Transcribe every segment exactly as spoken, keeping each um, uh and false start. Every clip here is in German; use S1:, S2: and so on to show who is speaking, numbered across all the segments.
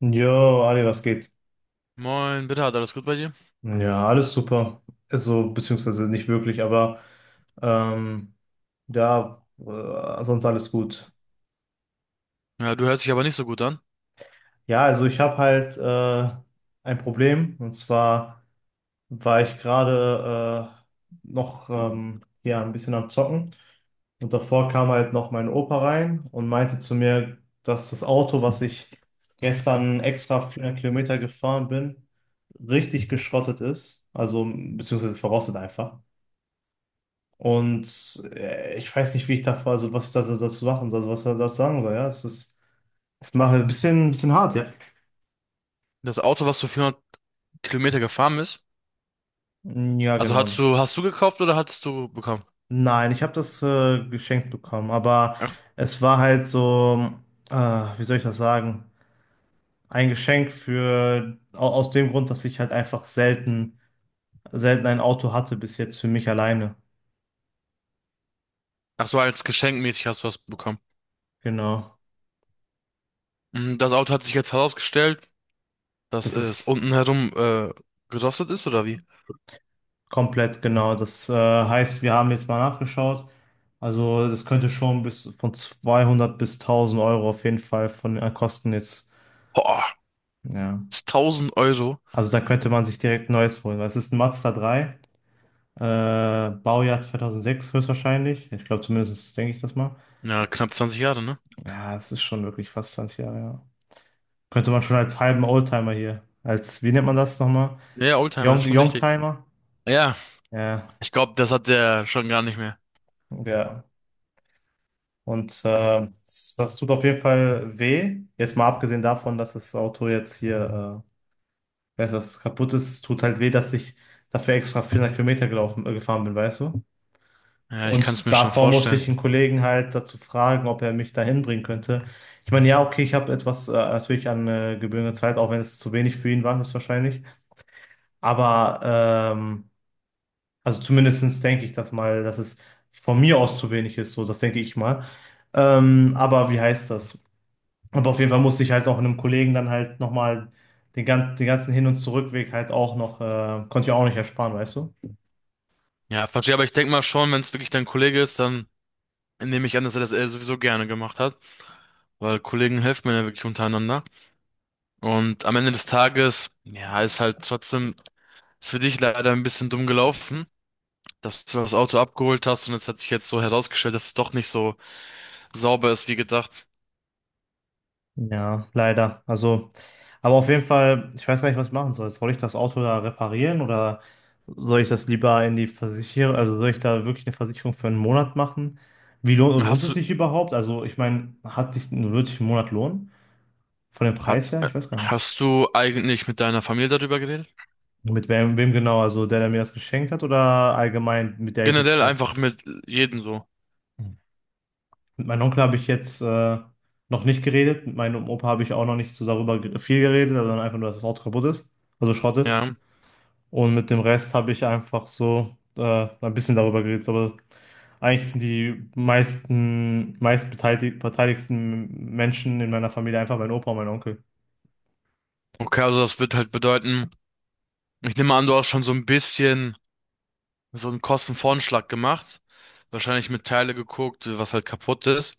S1: Jo, Ali, was geht?
S2: Moin, bitte, hat alles gut bei dir?
S1: Ja, alles super. Also, beziehungsweise nicht wirklich, aber ähm, ja, äh, sonst alles gut.
S2: Ja, du hörst dich aber nicht so gut an.
S1: Ja, also ich habe halt äh, ein Problem und zwar war ich gerade äh, noch ähm, ja, ein bisschen am Zocken. Und davor kam halt noch mein Opa rein und meinte zu mir, dass das Auto, was ich gestern extra 400 Kilometer gefahren bin, richtig geschrottet ist. Also, beziehungsweise verrostet einfach. Und äh, ich weiß nicht, wie ich davor, also was ich das, das machen soll, also was er das sagen soll. Ja, es ist, es macht ein bisschen, ein bisschen hart, ja.
S2: Das Auto, was du vierhundert Kilometer gefahren bist,
S1: Ja,
S2: also hast
S1: genau.
S2: du, hast du gekauft oder hattest du bekommen?
S1: Nein, ich habe das äh, geschenkt bekommen, aber
S2: Ach,
S1: es war halt so, äh, wie soll ich das sagen? Ein Geschenk für, au- aus dem Grund, dass ich halt einfach selten, selten ein Auto hatte bis jetzt für mich alleine.
S2: Ach so, als geschenkmäßig hast du was bekommen.
S1: Genau.
S2: Mm. Das Auto hat sich jetzt herausgestellt, dass
S1: Das
S2: es
S1: ist
S2: unten herum äh, gerostet ist, oder wie?
S1: komplett genau. Das äh, heißt, wir haben jetzt mal nachgeschaut. Also das könnte schon bis von zweihundert bis tausend Euro auf jeden Fall von den Kosten jetzt.
S2: Boah,
S1: Ja.
S2: das ist tausend Euro.
S1: Also da könnte man sich direkt ein neues holen. Es ist ein Mazda drei. Äh, Baujahr zweitausendsechs höchstwahrscheinlich. Ich glaube, zumindest denke ich das mal.
S2: Ja, knapp zwanzig Jahre, ne?
S1: Ja, es ist schon wirklich fast zwanzig Jahre, ja. Könnte man schon als halben Oldtimer hier, als, wie nennt man das nochmal?
S2: Ja, ja, Oldtimer ist
S1: Young,
S2: schon richtig.
S1: Youngtimer?
S2: Ja,
S1: Ja,
S2: ich glaube, das hat der schon gar nicht mehr.
S1: ja. Und äh, das, das tut auf jeden Fall weh. Jetzt mal abgesehen davon, dass das Auto jetzt hier, äh, weißt du, dass es kaputt ist, es tut halt weh, dass ich dafür extra vierhundert Kilometer gelaufen, äh, gefahren bin, weißt du?
S2: Ja, ich kann es
S1: Und
S2: mir schon
S1: davor musste
S2: vorstellen.
S1: ich einen Kollegen halt dazu fragen, ob er mich dahin bringen könnte. Ich meine, ja, okay, ich habe etwas äh, natürlich an äh, gebührende Zeit, auch wenn es zu wenig für ihn war, höchstwahrscheinlich. Aber ähm, also zumindestens denke ich das mal, dass es von mir aus zu wenig ist, so, das denke ich mal. Ähm, aber wie heißt das? Aber auf jeden Fall musste ich halt auch einem Kollegen dann halt nochmal den, gan den ganzen Hin- und Zurückweg halt auch noch, äh, konnte ich auch nicht ersparen, weißt du?
S2: Ja, verstehe, aber ich denke mal schon, wenn es wirklich dein Kollege ist, dann nehme ich an, dass er das äh, sowieso gerne gemacht hat, weil Kollegen helfen mir ja wirklich untereinander. Und am Ende des Tages, ja, ist halt trotzdem für dich leider ein bisschen dumm gelaufen, dass du das Auto abgeholt hast und es hat sich jetzt so herausgestellt, dass es doch nicht so sauber ist wie gedacht.
S1: Ja, leider. Also, aber auf jeden Fall, ich weiß gar nicht, was ich machen soll. Soll ich das Auto da reparieren oder soll ich das lieber in die Versicherung, also soll ich da wirklich eine Versicherung für einen Monat machen? Wie lohnt, lohnt
S2: Hast
S1: es
S2: du,
S1: sich überhaupt? Also, ich meine, hat sich, wird sich ein Monat lohnen? Von dem
S2: hat,
S1: Preis her?
S2: äh,
S1: Ich weiß gar nicht.
S2: hast du eigentlich mit deiner Familie darüber geredet?
S1: Mit wem, wem genau? Also, der, der mir das geschenkt hat oder allgemein, mit der ich jetzt
S2: Generell
S1: gerade.
S2: einfach mit jedem so.
S1: Hm. Mit meinem Onkel habe ich jetzt äh, noch nicht geredet. Mit meinem Opa habe ich auch noch nicht so darüber ge- viel geredet, sondern einfach nur, dass das Auto kaputt ist, also Schrott ist.
S2: Ja.
S1: Und mit dem Rest habe ich einfach so äh, ein bisschen darüber geredet. Aber eigentlich sind die meisten, meistbeteiligten beteiligsten Menschen in meiner Familie einfach mein Opa und mein Onkel.
S2: Okay, also das wird halt bedeuten, ich nehme an, du hast schon so ein bisschen so einen Kostenvoranschlag gemacht, wahrscheinlich mit Teile geguckt, was halt kaputt ist.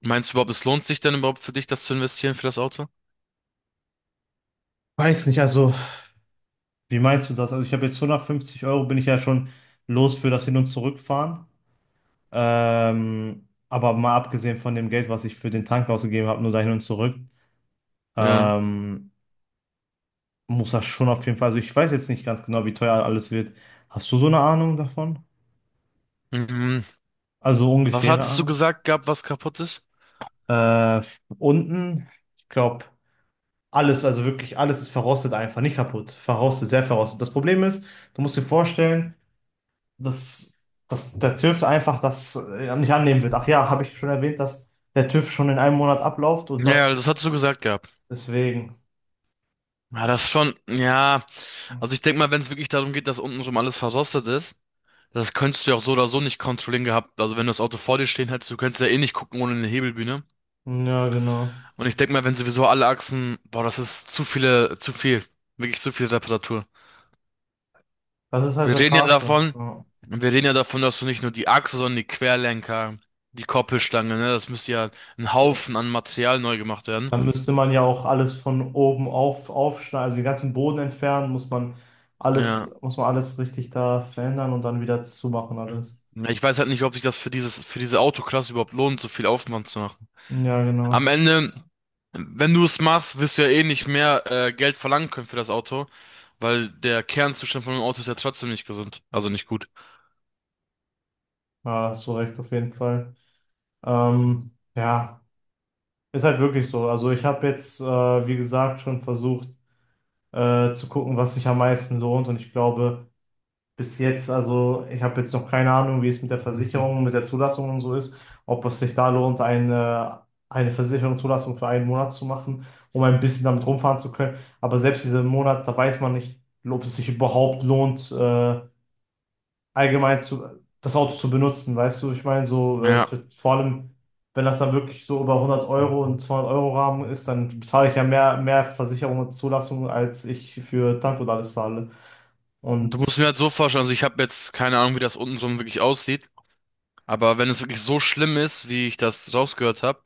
S2: Meinst du überhaupt, es lohnt sich denn überhaupt für dich, das zu investieren für das Auto?
S1: Weiß nicht, also. Wie meinst du das? Also ich habe jetzt hundertfünfzig Euro, bin ich ja schon los für das Hin- und Zurückfahren. Ähm, aber mal abgesehen von dem Geld, was ich für den Tank ausgegeben habe, nur dahin und zurück,
S2: Ja.
S1: ähm, muss das schon auf jeden Fall. Also ich weiß jetzt nicht ganz genau, wie teuer alles wird. Hast du so eine Ahnung davon?
S2: Mhm.
S1: Also
S2: Was
S1: ungefähre
S2: hattest du
S1: Ahnung?
S2: gesagt gehabt, was kaputt ist?
S1: Äh, Unten, ich glaube, alles, also wirklich alles ist verrostet einfach, nicht kaputt. Verrostet, sehr verrostet. Das Problem ist, du musst dir vorstellen, dass, dass der TÜV einfach das äh, nicht annehmen wird. Ach ja, habe ich schon erwähnt, dass der TÜV schon in einem Monat abläuft und
S2: Ja,
S1: das
S2: das hattest du gesagt gehabt.
S1: deswegen.
S2: Ja, das ist schon, ja. Also ich denke mal, wenn es wirklich darum geht, dass unten schon alles verrostet ist, das könntest du ja auch so oder so nicht kontrollieren gehabt. Also wenn du das Auto vor dir stehen hättest, du könntest ja eh nicht gucken ohne eine Hebelbühne.
S1: Ja, genau.
S2: Und ich denke mal, wenn sowieso alle Achsen, boah, das ist zu viele, zu viel. Wirklich zu viel Reparatur.
S1: Das ist halt
S2: Wir
S1: das
S2: reden ja
S1: Harte.
S2: davon,
S1: Ja.
S2: wir reden ja davon, dass du nicht nur die Achse, sondern die Querlenker, die Koppelstange, ne, das müsste ja ein Haufen an Material neu gemacht werden.
S1: Dann müsste man ja auch alles von oben auf aufschneiden, also den ganzen Boden entfernen, muss man
S2: Ja.
S1: alles, muss man alles richtig da verändern und dann wieder zumachen alles.
S2: Ja, ich weiß halt nicht, ob sich das für dieses, für diese Autoklasse überhaupt lohnt, so viel Aufwand zu machen.
S1: Ja, genau.
S2: Am Ende, wenn du es machst, wirst du ja eh nicht mehr äh, Geld verlangen können für das Auto, weil der Kernzustand von einem Auto ist ja trotzdem nicht gesund, also nicht gut.
S1: Ja, hast du recht, auf jeden Fall. Ähm, ja, ist halt wirklich so. Also ich habe jetzt, äh, wie gesagt, schon versucht äh, zu gucken, was sich am meisten lohnt. Und ich glaube, bis jetzt, also ich habe jetzt noch keine Ahnung, wie es mit der Versicherung, mit der Zulassung und so ist, ob es sich da lohnt, eine, eine Versicherung, Zulassung für einen Monat zu machen, um ein bisschen damit rumfahren zu können. Aber selbst diesen Monat, da weiß man nicht, ob es sich überhaupt lohnt, äh, allgemein zu, das Auto zu benutzen, weißt du? Ich meine, so äh,
S2: Ja.
S1: für, vor allem, wenn das dann wirklich so über hundert Euro und zweihundert Euro Rahmen ist, dann bezahle ich ja mehr, mehr Versicherung und Zulassung, als ich für Tank und alles zahle.
S2: Und du musst
S1: Und
S2: mir halt so vorstellen, also ich habe jetzt keine Ahnung, wie das untenrum wirklich aussieht, aber wenn es wirklich so schlimm ist, wie ich das rausgehört habe,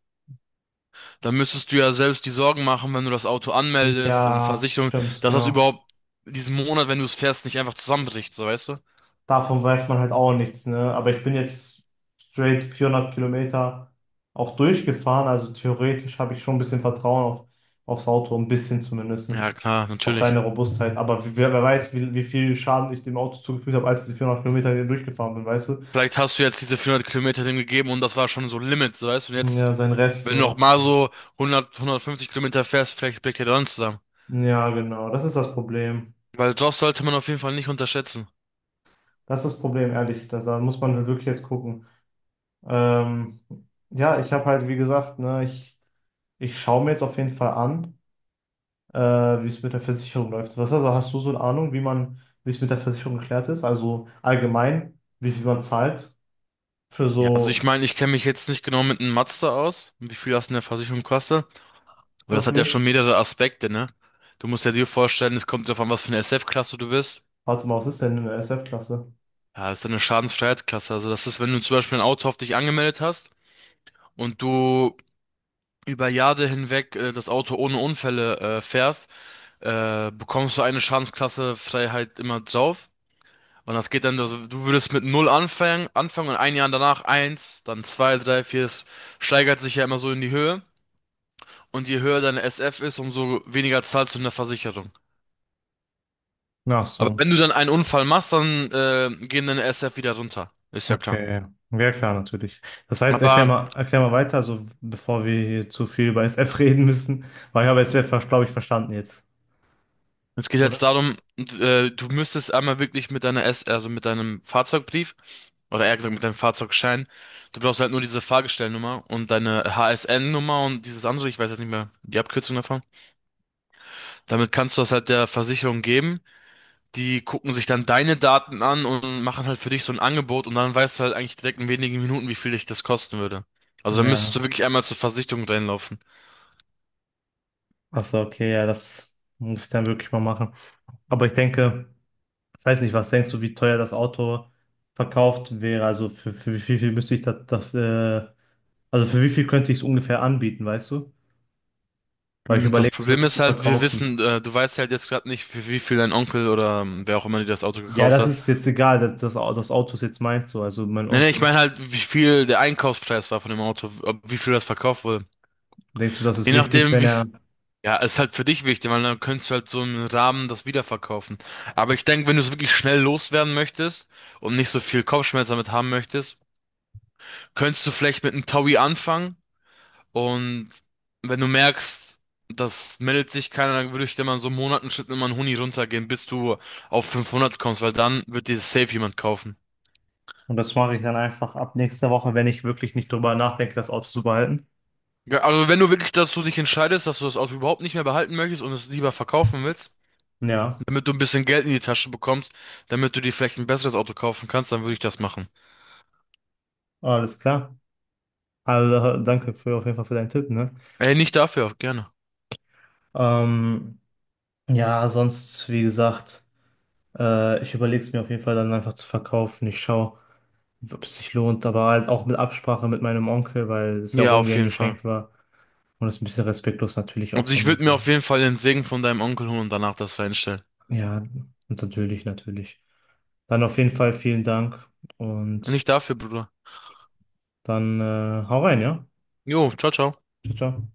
S2: dann müsstest du ja selbst die Sorgen machen, wenn du das Auto anmeldest und
S1: ja,
S2: Versicherung,
S1: stimmt,
S2: dass das
S1: genau.
S2: überhaupt diesen Monat, wenn du es fährst, nicht einfach zusammenbricht, so weißt du?
S1: Davon weiß man halt auch nichts, ne? Aber ich bin jetzt straight vierhundert Kilometer auch durchgefahren, also theoretisch habe ich schon ein bisschen Vertrauen auf, aufs Auto, ein bisschen
S2: Ja,
S1: zumindest,
S2: klar,
S1: auf
S2: natürlich.
S1: seine Robustheit. Aber wer, wer weiß, wie, wie viel Schaden ich dem Auto zugefügt habe, als ich die vierhundert Kilometer hier durchgefahren bin, weißt du?
S2: Vielleicht hast du jetzt diese vierhundert Kilometer dem gegeben und das war schon so Limit, so weißt du? Und
S1: Ja,
S2: jetzt,
S1: sein Rest
S2: wenn du noch
S1: so.
S2: mal so hundert, hundertfünfzig Kilometer fährst, vielleicht bricht der dann zusammen.
S1: Ja, genau, das ist das Problem.
S2: Weil Josh sollte man auf jeden Fall nicht unterschätzen.
S1: Das ist das Problem, ehrlich. Das, da muss man halt wirklich jetzt gucken. Ähm, ja, ich habe halt, wie gesagt, ne, ich, ich schaue mir jetzt auf jeden Fall an. äh, wie es mit der Versicherung läuft. Was, also hast du so eine Ahnung, wie man, wie es mit der Versicherung geklärt ist? Also allgemein, wie viel man zahlt für
S2: Ja, also ich
S1: so,
S2: meine, ich kenne mich jetzt nicht genau mit einem Mazda aus, wie viel das in der Versicherung kostet, aber das hat ja
S1: okay,
S2: schon mehrere Aspekte, ne? Du musst ja dir vorstellen, es kommt darauf an, was für eine S F-Klasse du bist.
S1: warte mal, was ist denn eine S F-Klasse?
S2: Ja, das ist eine Schadensfreiheitsklasse. Also das ist, wenn du zum Beispiel ein Auto auf dich angemeldet hast und du über Jahre hinweg äh, das Auto ohne Unfälle äh, fährst, äh, bekommst du eine Schadensklasse Freiheit immer drauf. Und das geht dann, also du würdest mit null anfangen, anfangen und ein Jahr danach eins, dann zwei, drei, vier. Es steigert sich ja immer so in die Höhe. Und je höher deine S F ist, umso weniger zahlst du in der Versicherung.
S1: Ach
S2: Aber
S1: so,
S2: wenn du dann einen Unfall machst, dann äh, gehen deine S F wieder runter. Ist ja klar.
S1: okay. Ja, klar, natürlich. Das heißt, erklär
S2: Aber
S1: mal, erklär mal weiter, also bevor wir hier zu viel über S F reden müssen, weil ich habe S F, glaube ich, verstanden jetzt,
S2: es geht jetzt
S1: oder?
S2: darum, äh, du müsstest einmal wirklich mit deiner S, also mit deinem Fahrzeugbrief, oder eher gesagt mit deinem Fahrzeugschein, du brauchst halt nur diese Fahrgestellnummer und deine H S N-Nummer und dieses andere, ich weiß jetzt nicht mehr die Abkürzung davon. Damit kannst du das halt der Versicherung geben. Die gucken sich dann deine Daten an und machen halt für dich so ein Angebot und dann weißt du halt eigentlich direkt in wenigen Minuten, wie viel dich das kosten würde. Also dann müsstest
S1: Ja,
S2: du wirklich einmal zur Versicherung reinlaufen.
S1: ach so, okay, ja, das muss ich dann wirklich mal machen. Aber ich denke. Ich weiß nicht, was denkst du, wie teuer das Auto verkauft wäre? Also für, für wie viel, müsste ich das, das äh, also für wie viel könnte ich es ungefähr anbieten, weißt du? Weil ich
S2: Mm, das
S1: überlege, es
S2: Problem
S1: wirklich
S2: ist
S1: zu
S2: halt, wir
S1: verkaufen.
S2: wissen, äh, du weißt halt jetzt gerade nicht, für wie viel dein Onkel oder ähm, wer auch immer dir das Auto
S1: Ja,
S2: gekauft
S1: das
S2: hat.
S1: ist jetzt egal, das, das, Au- das Auto ist jetzt meins so. Also mein
S2: Nee, nee, ich
S1: Onkel,
S2: meine halt, wie viel der Einkaufspreis war von dem Auto, ob, wie viel das verkauft wurde.
S1: denkst du, das ist
S2: Je
S1: wichtig,
S2: nachdem,
S1: wenn
S2: wie,
S1: er,
S2: f- Ja, ist halt für dich wichtig, weil dann könntest du halt so einen Rahmen das wiederverkaufen. Aber ich denke, wenn du es wirklich schnell loswerden möchtest und nicht so viel Kopfschmerzen damit haben möchtest, könntest du vielleicht mit einem Taui anfangen. Und wenn du merkst, das meldet sich keiner, dann würde ich dir mal in so Monaten Schritt immer einen Huni runtergehen, bis du auf fünfhundert kommst, weil dann wird dir safe jemand kaufen.
S1: und das mache ich dann einfach ab nächster Woche, wenn ich wirklich nicht drüber nachdenke, das Auto zu behalten.
S2: Ja, also wenn du wirklich dazu dich entscheidest, dass du das Auto überhaupt nicht mehr behalten möchtest und es lieber verkaufen willst,
S1: Ja,
S2: damit du ein bisschen Geld in die Tasche bekommst, damit du dir vielleicht ein besseres Auto kaufen kannst, dann würde ich das machen.
S1: alles klar. Also danke für, auf jeden Fall für deinen Tipp, ne?
S2: Ey, nicht dafür, auch gerne.
S1: Ähm, ja, sonst, wie gesagt. Äh, ich überlege es mir auf jeden Fall dann einfach zu verkaufen. Ich schaue, ob es sich lohnt, aber halt auch mit Absprache mit meinem Onkel, weil es ja auch
S2: Ja,
S1: irgendwie
S2: auf
S1: ein
S2: jeden Fall.
S1: Geschenk war. Und es ist ein bisschen respektlos natürlich auch
S2: Und
S1: von
S2: ich
S1: mir.
S2: würde mir auf jeden Fall den Segen von deinem Onkel holen und danach das reinstellen.
S1: Ja, und natürlich, natürlich. Dann auf jeden Fall vielen Dank und
S2: Nicht dafür, Bruder.
S1: dann äh, hau rein, ja?
S2: Jo, ciao, ciao.
S1: Ciao, ciao.